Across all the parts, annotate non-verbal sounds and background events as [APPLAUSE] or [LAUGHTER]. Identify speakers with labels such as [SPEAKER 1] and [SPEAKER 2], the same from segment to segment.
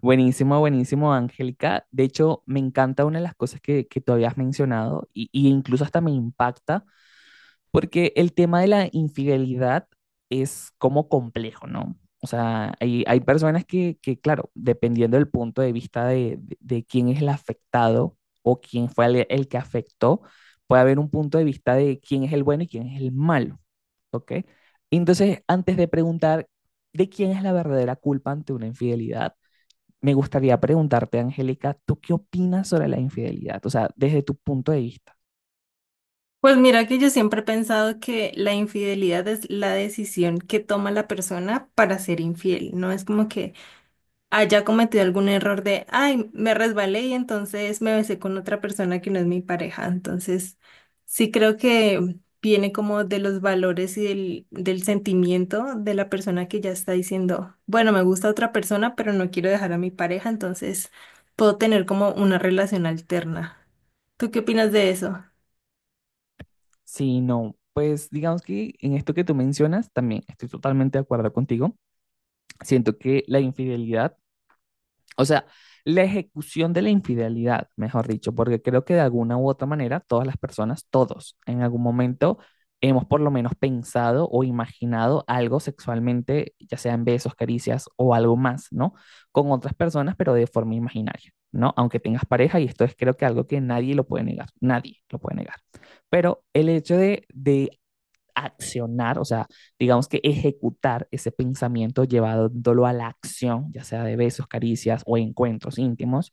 [SPEAKER 1] Buenísimo, buenísimo, Angélica. De hecho, me encanta una de las cosas que tú habías mencionado y incluso hasta me impacta, porque el tema de la infidelidad es como complejo, ¿no? O sea, hay personas que claro, dependiendo del punto de vista de quién es el afectado o quién fue el que afectó, puede haber un punto de vista de quién es el bueno y quién es el malo, ¿ok? Entonces, antes de preguntar de quién es la verdadera culpa ante una infidelidad, me gustaría preguntarte, Angélica, ¿tú qué opinas sobre la infidelidad? O sea, desde tu punto de vista.
[SPEAKER 2] Pues mira que yo siempre he pensado que la infidelidad es la decisión que toma la persona para ser infiel. No es como que haya cometido algún error de, ay, me resbalé y entonces me besé con otra persona que no es mi pareja. Entonces, sí creo que viene como de los valores y del sentimiento de la persona que ya está diciendo, bueno, me gusta otra persona, pero no quiero dejar a mi pareja, entonces puedo tener como una relación alterna. ¿Tú qué opinas de eso?
[SPEAKER 1] Si no, pues digamos que en esto que tú mencionas, también estoy totalmente de acuerdo contigo. Siento que la infidelidad. O sea, la ejecución de la infidelidad, mejor dicho, porque creo que de alguna u otra manera todas las personas, todos, en algún momento hemos por lo menos pensado o imaginado algo sexualmente, ya sea en besos, caricias o algo más, ¿no? Con otras personas, pero de forma imaginaria, ¿no? Aunque tengas pareja, y esto es creo que algo que nadie lo puede negar, nadie lo puede negar. Pero el hecho de accionar, o sea, digamos que ejecutar ese pensamiento llevándolo a la acción, ya sea de besos, caricias o encuentros íntimos,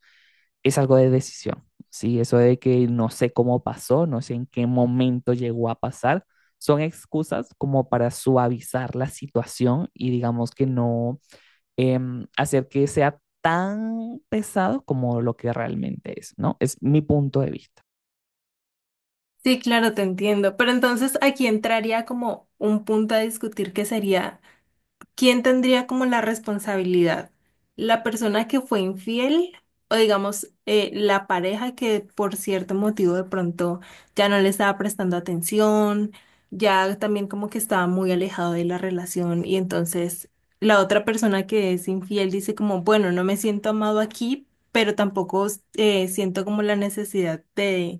[SPEAKER 1] es algo de decisión, ¿sí? Eso de que no sé cómo pasó, no sé en qué momento llegó a pasar, son excusas como para suavizar la situación y digamos que no eh, hacer que sea tan pesado como lo que realmente es, ¿no? Es mi punto de vista.
[SPEAKER 2] Sí, claro, te entiendo. Pero entonces aquí entraría como un punto a discutir que sería, ¿quién tendría como la responsabilidad? ¿La persona que fue infiel o digamos la pareja que por cierto motivo de pronto ya no le estaba prestando atención, ya también como que estaba muy alejado de la relación y entonces la otra persona que es infiel dice como, bueno, no me siento amado aquí, pero tampoco siento como la necesidad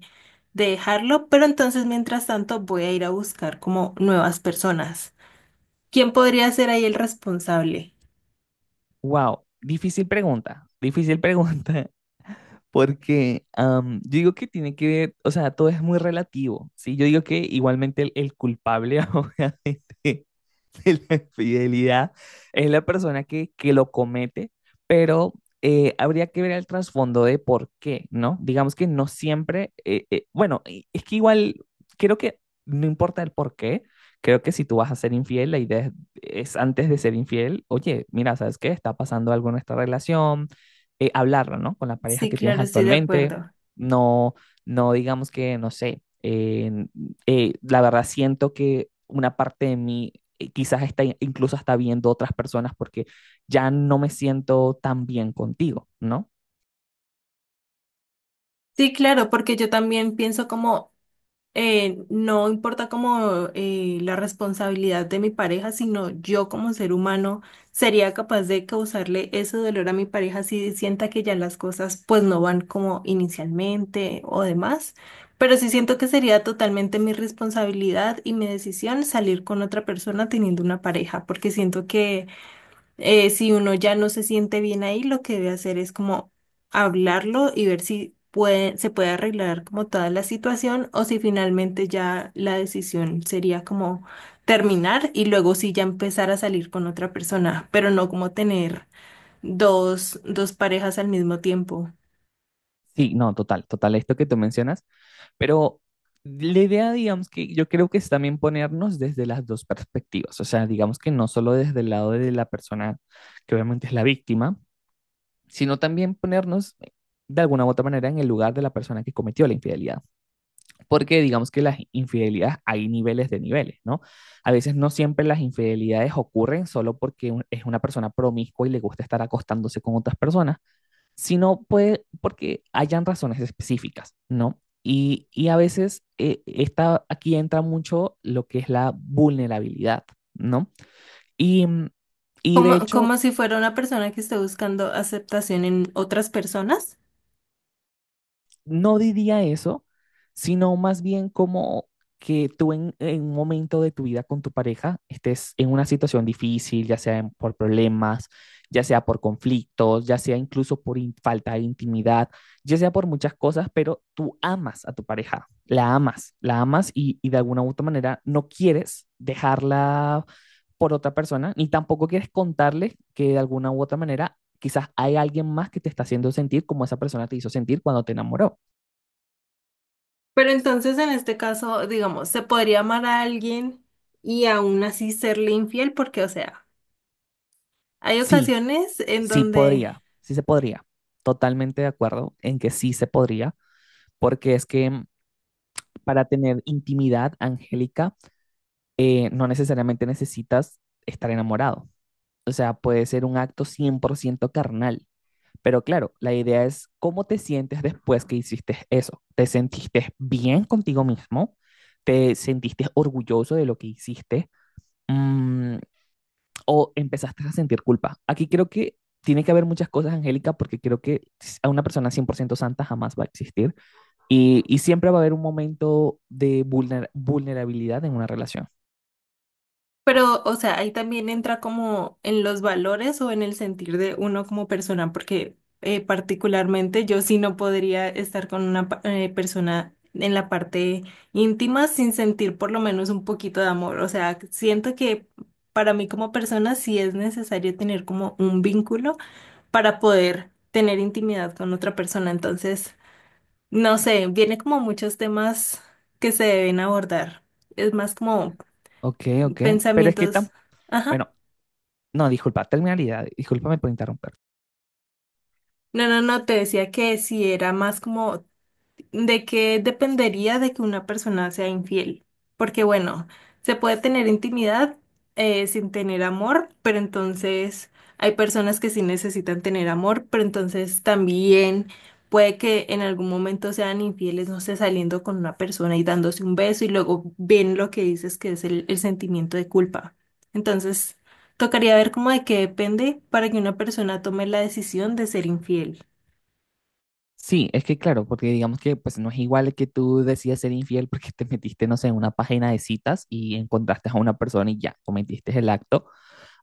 [SPEAKER 2] de dejarlo, pero entonces mientras tanto voy a ir a buscar como nuevas personas. ¿Quién podría ser ahí el responsable?
[SPEAKER 1] Wow, difícil pregunta, difícil [LAUGHS] pregunta. Porque yo digo que tiene que ver, o sea, todo es muy relativo, ¿sí? Yo digo que igualmente el culpable, [LAUGHS] obviamente, [LAUGHS] de la infidelidad es la persona que lo comete, pero habría que ver el trasfondo de por qué, ¿no? Digamos que no siempre, bueno, es que igual creo que no importa el por qué, creo que si tú vas a ser infiel, la idea es antes de ser infiel, oye, mira, ¿sabes qué? Está pasando algo en nuestra relación, hablarlo, ¿no? Con la pareja
[SPEAKER 2] Sí,
[SPEAKER 1] que tienes
[SPEAKER 2] claro, estoy de
[SPEAKER 1] actualmente,
[SPEAKER 2] acuerdo.
[SPEAKER 1] no, no digamos que, no sé, la verdad siento que una parte de mí quizás está incluso hasta viendo otras personas porque ya no me siento tan bien contigo, ¿no?
[SPEAKER 2] Sí, claro, porque yo también pienso como, no importa como la responsabilidad de mi pareja, sino yo como ser humano sería capaz de causarle ese dolor a mi pareja si sienta que ya las cosas pues no van como inicialmente o demás. Pero sí siento que sería totalmente mi responsabilidad y mi decisión salir con otra persona teniendo una pareja, porque siento que si uno ya no se siente bien ahí, lo que debe hacer es como hablarlo y ver si puede, se puede arreglar como toda la situación o si finalmente ya la decisión sería como terminar y luego sí ya empezar a salir con otra persona, pero no como tener dos parejas al mismo tiempo.
[SPEAKER 1] Sí, no, total, total, esto que tú mencionas, pero la idea, digamos que yo creo que es también ponernos desde las dos perspectivas, o sea, digamos que no solo desde el lado de la persona que obviamente es la víctima, sino también ponernos de alguna u otra manera en el lugar de la persona que cometió la infidelidad. Porque digamos que las infidelidades hay niveles de niveles, ¿no? A veces no siempre las infidelidades ocurren solo porque es una persona promiscua y le gusta estar acostándose con otras personas, sino puede porque hayan razones específicas, ¿no? Y a veces aquí entra mucho lo que es la vulnerabilidad, ¿no? Y, mm, y de
[SPEAKER 2] Como, como
[SPEAKER 1] hecho,
[SPEAKER 2] si fuera una persona que esté buscando aceptación en otras personas.
[SPEAKER 1] no diría eso, sino más bien como que tú en un momento de tu vida con tu pareja estés en una situación difícil, ya sea por problemas, ya sea por conflictos, ya sea incluso por falta de intimidad, ya sea por muchas cosas, pero tú amas a tu pareja, la amas y de alguna u otra manera no quieres dejarla por otra persona, ni tampoco quieres contarle que de alguna u otra manera quizás hay alguien más que te está haciendo sentir como esa persona te hizo sentir cuando te enamoró.
[SPEAKER 2] Pero entonces en este caso, digamos, se podría amar a alguien y aún así serle infiel, porque, o sea, hay
[SPEAKER 1] Sí,
[SPEAKER 2] ocasiones en
[SPEAKER 1] sí
[SPEAKER 2] donde,
[SPEAKER 1] podría, sí se podría. Totalmente de acuerdo en que sí se podría, porque es que mm, para tener intimidad angélica no necesariamente necesitas estar enamorado. O sea, puede ser un acto 100% carnal. Pero claro, la idea es cómo te sientes después que hiciste eso. ¿Te sentiste bien contigo mismo? ¿Te sentiste orgulloso de lo que hiciste? Mm, o empezaste a sentir culpa. Aquí creo que tiene que haber muchas cosas, Angélica, porque creo que a una persona 100% santa jamás va a existir y siempre va a haber un momento de vulnerabilidad en una relación.
[SPEAKER 2] pero, o sea, ahí también entra como en los valores o en el sentir de uno como persona, porque particularmente yo sí no podría estar con una persona en la parte íntima sin sentir por lo menos un poquito de amor. O sea, siento que para mí como persona sí es necesario tener como un vínculo para poder tener intimidad con otra persona. Entonces, no sé, viene como muchos temas que se deben abordar. Es más como
[SPEAKER 1] Ok, ok. Pero es que
[SPEAKER 2] pensamientos.
[SPEAKER 1] tan,
[SPEAKER 2] Ajá.
[SPEAKER 1] bueno, no, disculpa, terminalidad, discúlpame por interrumpir.
[SPEAKER 2] No, no, no, te decía que si era más como, ¿de qué dependería de que una persona sea infiel? Porque bueno, se puede tener intimidad sin tener amor, pero entonces hay personas que sí necesitan tener amor, pero entonces también puede que en algún momento sean infieles, no sé, saliendo con una persona y dándose un beso y luego ven lo que dices que es el sentimiento de culpa. Entonces, tocaría ver cómo de qué depende para que una persona tome la decisión de ser infiel.
[SPEAKER 1] Sí, es que claro, porque digamos que pues no es igual que tú decidas ser infiel porque [LAUGHS] te metiste, no sé, en una página de citas y encontraste a una persona y ya cometiste el acto,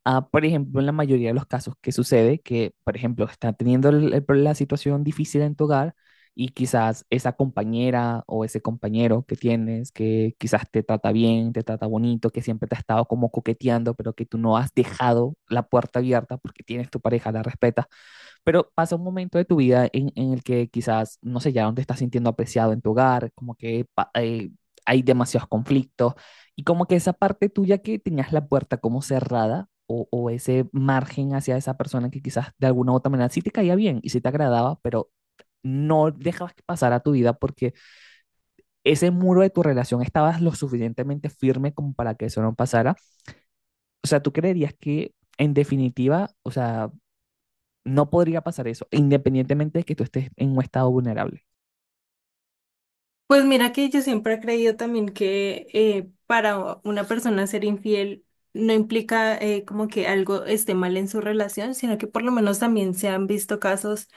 [SPEAKER 1] a, por ejemplo, en la mayoría de los casos que sucede, que, por ejemplo, está teniendo la situación difícil en tu hogar y quizás esa compañera o ese compañero que tienes, que quizás te trata bien, te trata bonito, que siempre te ha estado como coqueteando, pero que tú no has dejado la puerta abierta porque tienes tu pareja, la respetas. Pero pasa un momento de tu vida en el que quizás, no sé, ya no te estás sintiendo apreciado en tu hogar, como que hay demasiados conflictos y como que esa parte tuya que tenías la puerta como cerrada o ese margen hacia esa persona que quizás de alguna u otra manera sí te caía bien y sí te agradaba, pero no dejabas que pasara tu vida porque ese muro de tu relación estabas lo suficientemente firme como para que eso no pasara. O sea, ¿tú creerías que en definitiva, o sea, no podría pasar eso, independientemente de que tú estés en un estado vulnerable?
[SPEAKER 2] Pues mira que yo siempre he creído también que para una persona ser infiel no implica como que algo esté mal en su relación, sino que por lo menos también se han visto casos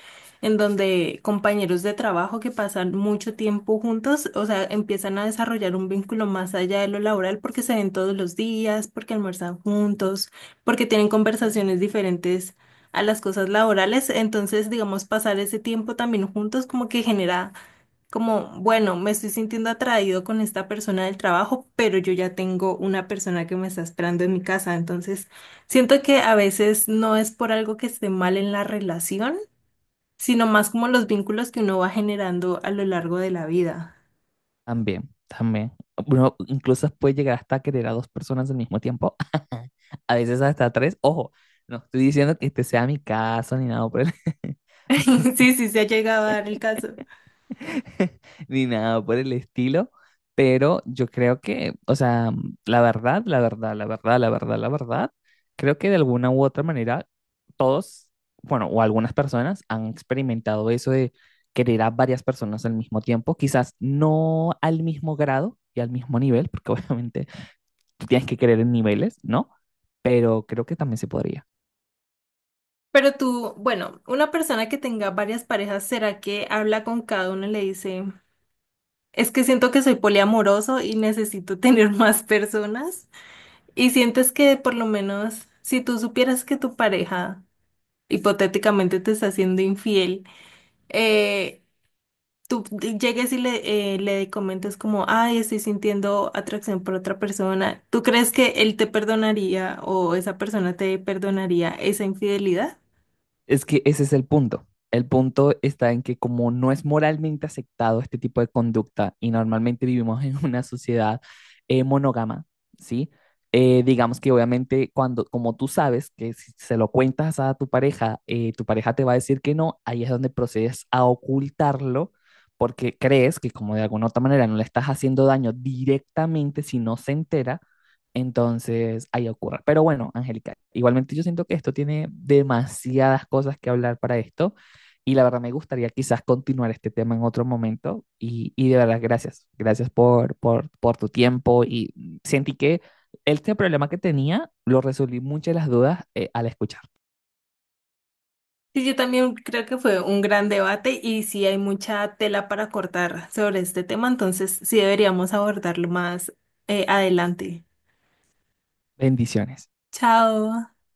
[SPEAKER 2] en donde compañeros de trabajo que pasan mucho tiempo juntos, o sea, empiezan a desarrollar un vínculo más allá de lo laboral porque se ven todos los días, porque almuerzan juntos, porque tienen conversaciones diferentes a las cosas laborales. Entonces, digamos, pasar ese tiempo también juntos como que genera como, bueno, me estoy sintiendo atraído con esta persona del trabajo, pero yo ya tengo una persona que me está esperando en mi casa. Entonces, siento que a veces no es por algo que esté mal en la relación, sino más como los vínculos que uno va generando a lo largo de la vida.
[SPEAKER 1] También, también. Uno incluso puede llegar hasta a querer a dos personas al mismo tiempo, [LAUGHS] a veces hasta tres. Ojo, no estoy diciendo que este sea mi caso ni nada, pero [LAUGHS]
[SPEAKER 2] [LAUGHS] Sí, sí, se ha llegado a dar el caso.
[SPEAKER 1] [LAUGHS] ni nada por el estilo, pero yo creo que, o sea, la verdad, la verdad, la verdad, la verdad, la verdad, creo que de alguna u otra manera todos, bueno, o algunas personas han experimentado eso de querer a varias personas al mismo tiempo, quizás no al mismo grado y al mismo nivel, porque [LAUGHS] obviamente tú tienes que querer en niveles, ¿no? Pero creo que también se podría.
[SPEAKER 2] Pero tú, bueno, una persona que tenga varias parejas, ¿será que habla con cada uno y le dice, es que siento que soy poliamoroso y necesito [LAUGHS] tener más personas? Y sientes que por lo menos si tú supieras que tu pareja hipotéticamente te está haciendo infiel, eh, tú llegues y le, le comentes como, ay, estoy sintiendo atracción por otra persona, ¿tú crees que él te perdonaría o esa persona te perdonaría esa infidelidad?
[SPEAKER 1] Es que ese es el punto. El punto está en que como no es moralmente aceptado este tipo de conducta y normalmente vivimos en [LAUGHS] una sociedad monógama, ¿sí? Digamos que obviamente cuando, como tú sabes que si se lo cuentas a tu pareja te va a decir que no, ahí es donde procedes a ocultarlo porque crees que como de alguna otra manera no le estás haciendo daño directamente si no se entera, entonces, ahí ocurre. Pero bueno, Angélica, igualmente yo siento que esto tiene demasiadas cosas que hablar para esto y la verdad me gustaría quizás continuar este tema en otro momento y de verdad gracias por tu tiempo y sentí que este problema que tenía lo resolví muchas de las dudas al escuchar.
[SPEAKER 2] Sí, yo también creo que fue un gran debate y sí hay mucha tela para cortar sobre este tema, entonces sí deberíamos abordarlo más adelante.
[SPEAKER 1] Bendiciones.
[SPEAKER 2] Chao.